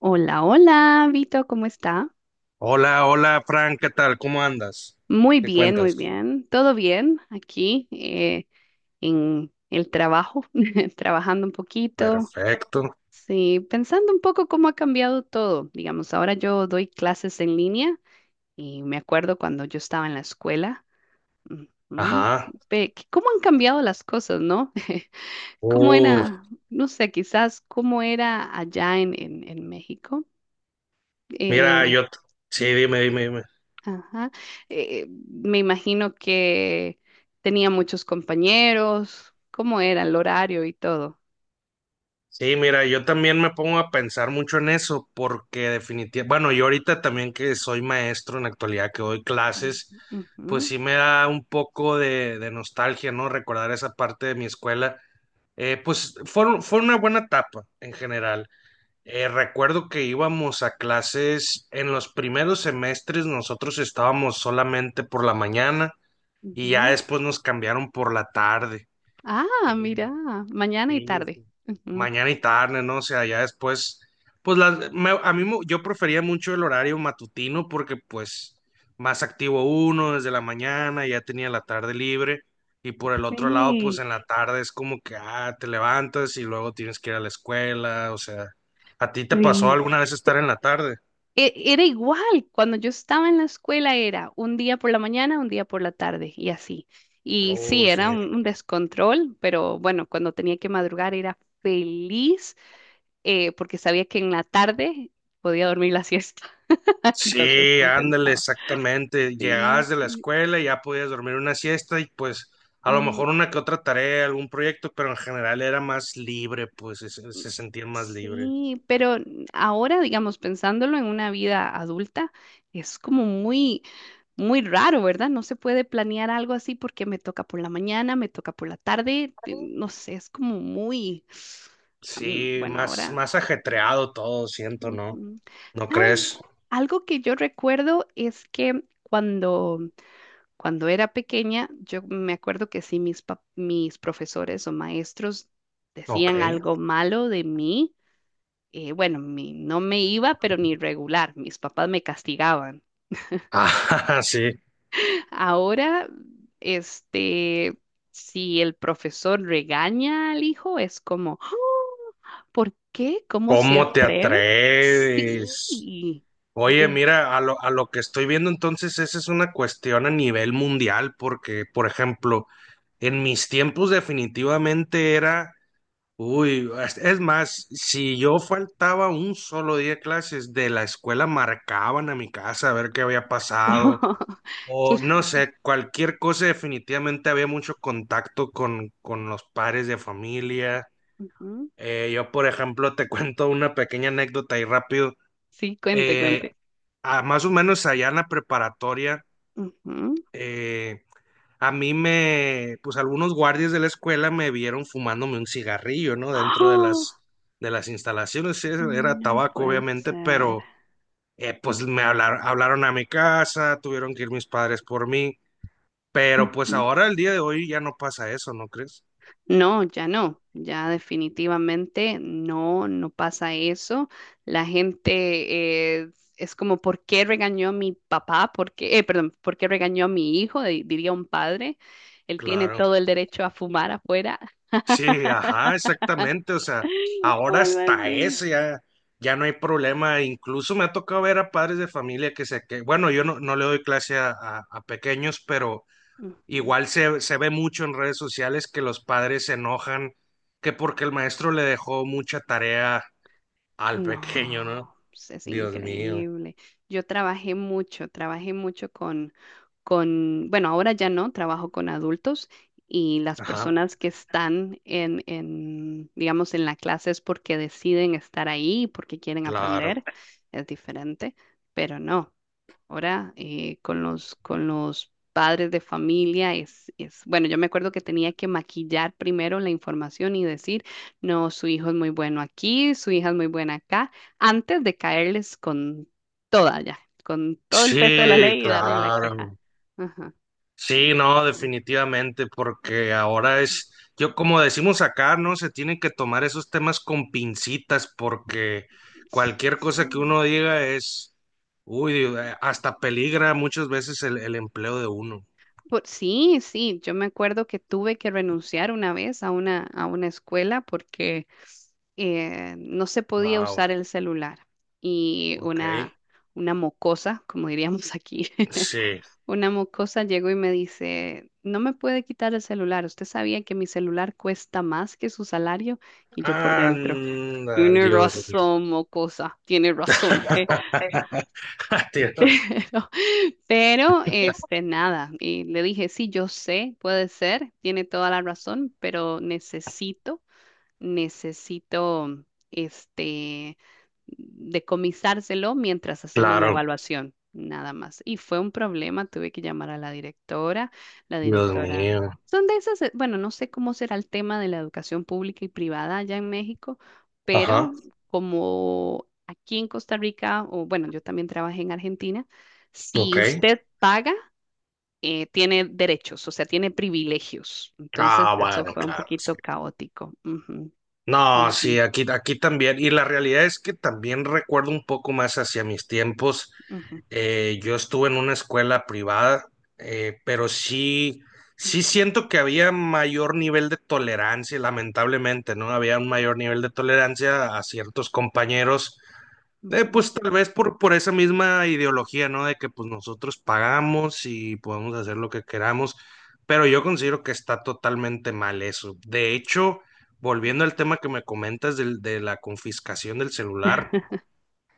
Hola, hola, Vito, ¿cómo está? Hola, hola, Frank, ¿qué tal? ¿Cómo andas? Muy ¿Qué bien, muy cuentas? bien. ¿Todo bien aquí en el trabajo? Trabajando un poquito. Perfecto. Sí, pensando un poco cómo ha cambiado todo. Digamos, ahora yo doy clases en línea y me acuerdo cuando yo estaba en la escuela. Ujú. Ajá. ¿Cómo han cambiado las cosas, no? ¿Cómo Uf, era, no sé, quizás cómo era allá en México? mira, Eh, sí, dime. Ajá. Me imagino que tenía muchos compañeros. ¿Cómo era el horario y todo? Sí, mira, yo también me pongo a pensar mucho en eso porque definitivamente, bueno, yo ahorita también que soy maestro en la actualidad, que doy Mm, clases, pues ujú, sí me da un poco de nostalgia, ¿no? Recordar esa parte de mi escuela. Pues fue una buena etapa en general. Recuerdo que íbamos a clases en los primeros semestres, nosotros estábamos solamente por la mañana y ya ujú. después nos cambiaron por la tarde. Ah, mira, Eh, mañana y Sí, tarde. sí. Ujú. Mañana y tarde, ¿no? O sea, ya después, pues a yo prefería mucho el horario matutino porque pues más activo uno desde la mañana, ya tenía la tarde libre y por el otro lado, pues Sí, en la tarde es como que, ah, te levantas y luego tienes que ir a la escuela, o sea, ¿a ti te pasó sí. alguna vez estar en la tarde? Era igual, cuando yo estaba en la escuela era un día por la mañana, un día por la tarde y así. Y sí, Oh, era sí. un descontrol, pero bueno, cuando tenía que madrugar era feliz porque sabía que en la tarde podía dormir la siesta. Entonces Sí, ándale, compensaba. exactamente. Sí, Llegabas de la sí. escuela y ya podías dormir una siesta y pues a lo Ujú. mejor una que otra tarea, algún proyecto, pero en general era más libre, pues se sentían más libre. Sí, pero ahora, digamos, pensándolo en una vida adulta, es como muy raro, ¿verdad? No se puede planear algo así porque me toca por la mañana, me toca por la tarde, no sé, es como muy, Sí, bueno, más, ahora, más ajetreado todo, siento, ¿no? ujú. ¿No crees? ¿Sabe? Algo que yo recuerdo es que cuando era pequeña, yo me acuerdo que sí, mis profesores o maestros Ok. decían algo malo de mí. Bueno, no me iba, pero ni regular. Mis papás me castigaban. Ah, sí. Ahora, este, si el profesor regaña al hijo, es como, "Ah, ¿por qué? ¿Cómo se ¿Cómo te atreve? atreves? Sí. Oye, Dios. mira, a lo que estoy viendo entonces, esa es una cuestión a nivel mundial, porque, por ejemplo, en mis tiempos definitivamente era. Uy, es más, si yo faltaba un solo día de clases de la escuela, marcaban a mi casa a ver qué había pasado, o no Cla- sé, cualquier cosa, definitivamente había mucho contacto con los padres de familia. Ujú. Yo, por ejemplo, te cuento una pequeña anécdota ahí rápido. Sí, cuente, Eh, cuente. Más o menos allá en la preparatoria, Ujú. eh, a mí me, pues algunos guardias de la escuela me vieron fumándome un cigarrillo, ¿no? Dentro ¡Ah! De las instalaciones, sí, era No tabaco, puede obviamente, ser. pero pues me hablaron a mi casa, tuvieron que ir mis padres por mí, pero pues Ujú. ahora, el día de hoy, ya no pasa eso, ¿no crees? No, ya no, ya definitivamente no, no pasa eso. La gente es como, ¿por qué regañó a mi papá? ¿Por qué, perdón, ¿por qué regañó a mi hijo? Diría un padre. Él tiene Claro. todo el derecho a fumar afuera Sí, ajá, exactamente, o sea, o ahora algo hasta así. eso ya, ya no hay problema, incluso me ha tocado ver a padres de familia que, bueno, yo no, no le doy clase a a pequeños, pero Ujú. igual se ve mucho en redes sociales que los padres se enojan que porque el maestro le dejó mucha tarea al pequeño, No, ¿no? pues, es Dios mío. increíble. Yo trabajé mucho con, bueno, ahora ya no, trabajo con adultos y las Ajá, personas que están digamos, en la clase es porque deciden estar ahí, porque quieren claro. aprender, es diferente, pero no ahora con los padres de familia bueno, yo me acuerdo que tenía que maquillar primero la información y decir, no, su hijo es muy bueno aquí, su hija es muy buena acá, antes de caerles con toda ya, con todo el peso de la Sí, ley y darle la queja. claro. Ajá. Sí, Ok. no, definitivamente, porque ahora es, yo como decimos acá, ¿no? Se tienen que tomar esos temas con pincitas porque cualquier cosa que Mm. uno diga es, uy, hasta peligra muchas veces el empleo de uno. Sí, sí, yo me acuerdo que tuve que renunciar una vez a a una escuela porque no se podía Wow, usar el celular y ok. Una mocosa, como diríamos aquí, Sí. una mocosa llegó y me dice, no me puede quitar el celular, usted sabía que mi celular cuesta más que su salario y yo por dentro, Anda, tiene Dios mío. razón, mocosa, tiene razón. Eso. Dios. Pero, pero, nada, y le dije, sí, yo sé, puede ser, tiene toda la razón, pero necesito este decomisárselo mientras hacemos la Claro, evaluación, nada más. Y fue un problema, tuve que llamar a la directora, la Dios directora. mío. Son de esas, bueno, no sé cómo será el tema de la educación pública y privada allá en México, Ajá, pero como aquí en Costa Rica, o bueno, yo también trabajé en Argentina, ok. si usted paga, tiene derechos, o sea, tiene privilegios. Entonces, Ah, eso bueno, fue un claro. Sí. poquito caótico. Ujú. No, Ujú, sí, aquí, aquí también. Y la realidad es que también recuerdo un poco más hacia mis tiempos. ujú, Yo estuve en una escuela privada, pero sí, sí ujú, siento que había mayor nivel de tolerancia, lamentablemente, ¿no? Había un mayor nivel de tolerancia a ciertos compañeros. Ujú, Pues tal vez por esa misma ideología, ¿no? De que pues nosotros pagamos y podemos hacer lo que queramos, pero yo considero que está totalmente mal eso. De hecho, ujú. volviendo al tema que me comentas de la confiscación del celular,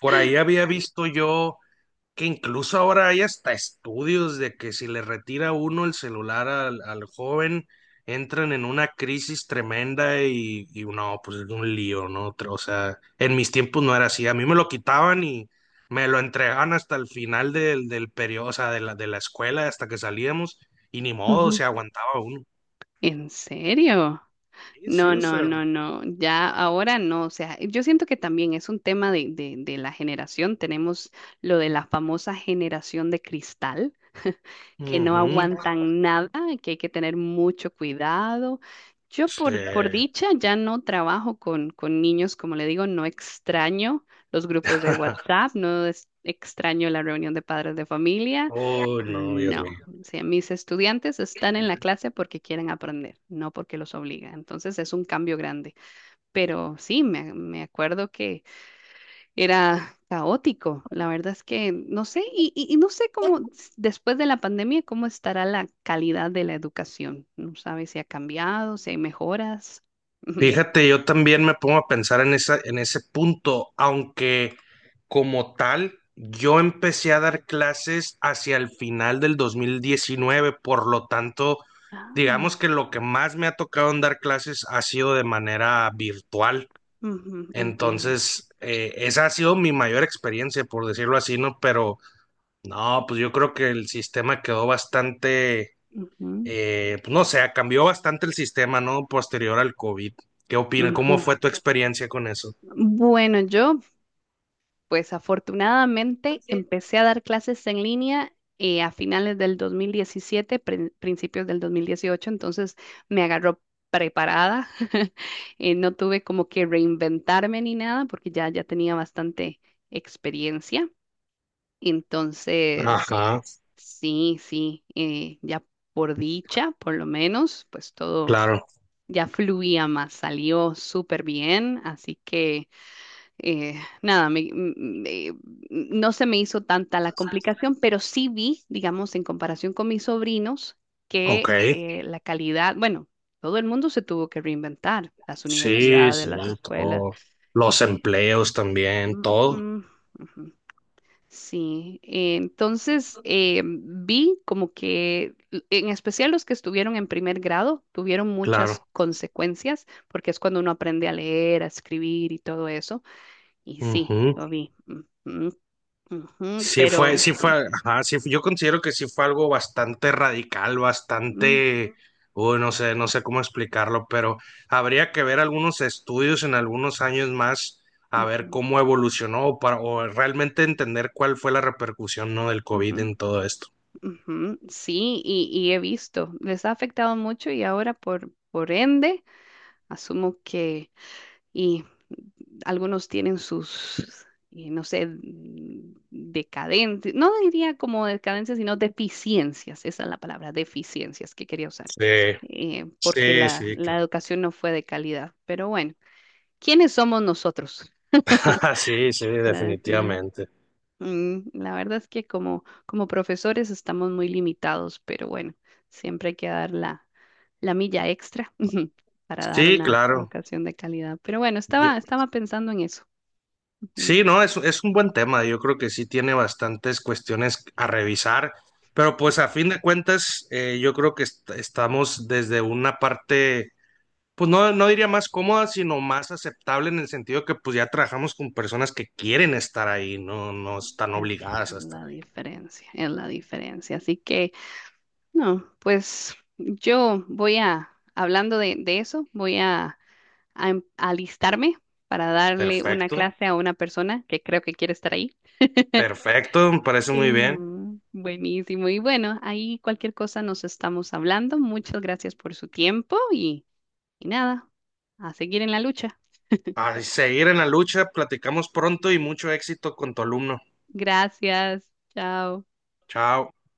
por ahí había visto yo que incluso ahora hay hasta estudios de que si le retira uno el celular al joven, entran en una crisis tremenda y no, pues es un lío, ¿no? O sea, en mis tiempos no era así, a mí me lo quitaban y me lo entregaban hasta el final del periodo, o sea, de de la escuela, hasta que salíamos y ni modo, Ujú. se aguantaba uno. ¿En serio? Sí, No, sí, o no, sea. no, no. Ya ahora no. O sea, yo siento que también es un tema de la generación. Tenemos lo de la famosa generación de cristal, que no Ujú, aguantan nada, que hay que tener mucho cuidado. Yo por sí. dicha ya no trabajo con niños, como le digo, no extraño los grupos de WhatsApp, no es- extraño la reunión de padres de familia. Oh, no, Dios No, mío. si mis estudiantes están en la clase porque quieren aprender, no porque los obliga. Entonces es un cambio grande. Pero sí, me acuerdo que era caótico. La verdad es que no sé, y no sé después de la pandemia, cómo estará la calidad de la educación. No sabes si ha cambiado, si hay mejoras. Fíjate, yo también me pongo a pensar en esa, en ese punto, aunque como tal, yo empecé a dar clases hacia el final del 2019, por lo tanto, digamos Ah, que lo que más me ha tocado en dar clases ha sido de manera virtual. ujú, entiendo. Entonces, esa ha sido mi mayor experiencia, por decirlo así, ¿no? Pero no, pues yo creo que el sistema quedó bastante, Ujú, pues no sé, cambió bastante el sistema, ¿no? Posterior al COVID. ¿Qué opinas? ujú. ¿Cómo fue tu experiencia con eso? Bueno, yo pues afortunadamente empecé a dar clases en línea a finales del 2017, principios del 2018, entonces me agarró preparada. No tuve como que reinventarme ni nada porque ya tenía bastante experiencia. Entonces, Ajá, sí, sí, ya por dicha, por lo menos, pues todo claro. ya fluía más, salió súper bien, así que eh, nada, me- no se me hizo tanta la complicación, pero sí vi, digamos, en comparación con mis sobrinos, Ok. que la calidad, bueno, todo el mundo se tuvo que reinventar, las Sí, universidades, sí, las escuelas. todo. Los eh, empleos también, todo. mm, mm, ujú. Sí, entonces vi como que, en especial los que estuvieron en primer grado, tuvieron muchas Claro. consecuencias, porque es cuando uno aprende a leer, a escribir y todo eso. Y sí, Ujú. lo vi. Mm, mm, ujú, pero Sí sí. fue, ajá, yo considero que sí fue algo bastante radical, Mm, bastante, uy, no sé, no sé cómo explicarlo, pero habría que ver algunos estudios en algunos años más a ver ujú, cómo evolucionó o para, o realmente entender cuál fue la repercusión, ¿no? del COVID ujú, en todo esto. ujú. Sí, y he visto. Les ha afectado mucho y ahora por ende, asumo que y algunos tienen sus, y no sé, decadentes, no diría como decadencias, sino deficiencias. Esa es la palabra, deficiencias que quería usar. Sí, Porque sí, sí, la claro. educación no fue de calidad. Pero bueno, ¿quiénes somos nosotros Sí, sí, para decirlo? definitivamente. Mm, la verdad es que como, como profesores estamos muy limitados, pero bueno, siempre hay que dar la milla extra para dar Sí, una claro. educación de calidad. Pero bueno, estaba, estaba pensando en eso. Ujú. Sí, no, es un buen tema. Yo creo que sí tiene bastantes cuestiones a revisar, pero pues a fin de cuentas, yo creo que estamos desde una parte, pues no, no diría más cómoda, sino más aceptable en el sentido que pues ya trabajamos con personas que quieren estar ahí, no, no están Es obligadas a estar la ahí. diferencia, es la diferencia. Así que, no, pues yo voy a, hablando de eso, voy a, a alistarme para darle una Perfecto, clase a una persona que creo que quiere estar ahí. perfecto, me parece muy Eh, bien. Buenísimo. Y bueno, ahí cualquier cosa nos estamos hablando. Muchas gracias por su tiempo y nada, a seguir en la lucha. A seguir en la lucha, platicamos pronto y mucho éxito con tu alumno. Gracias. Chao. Chao.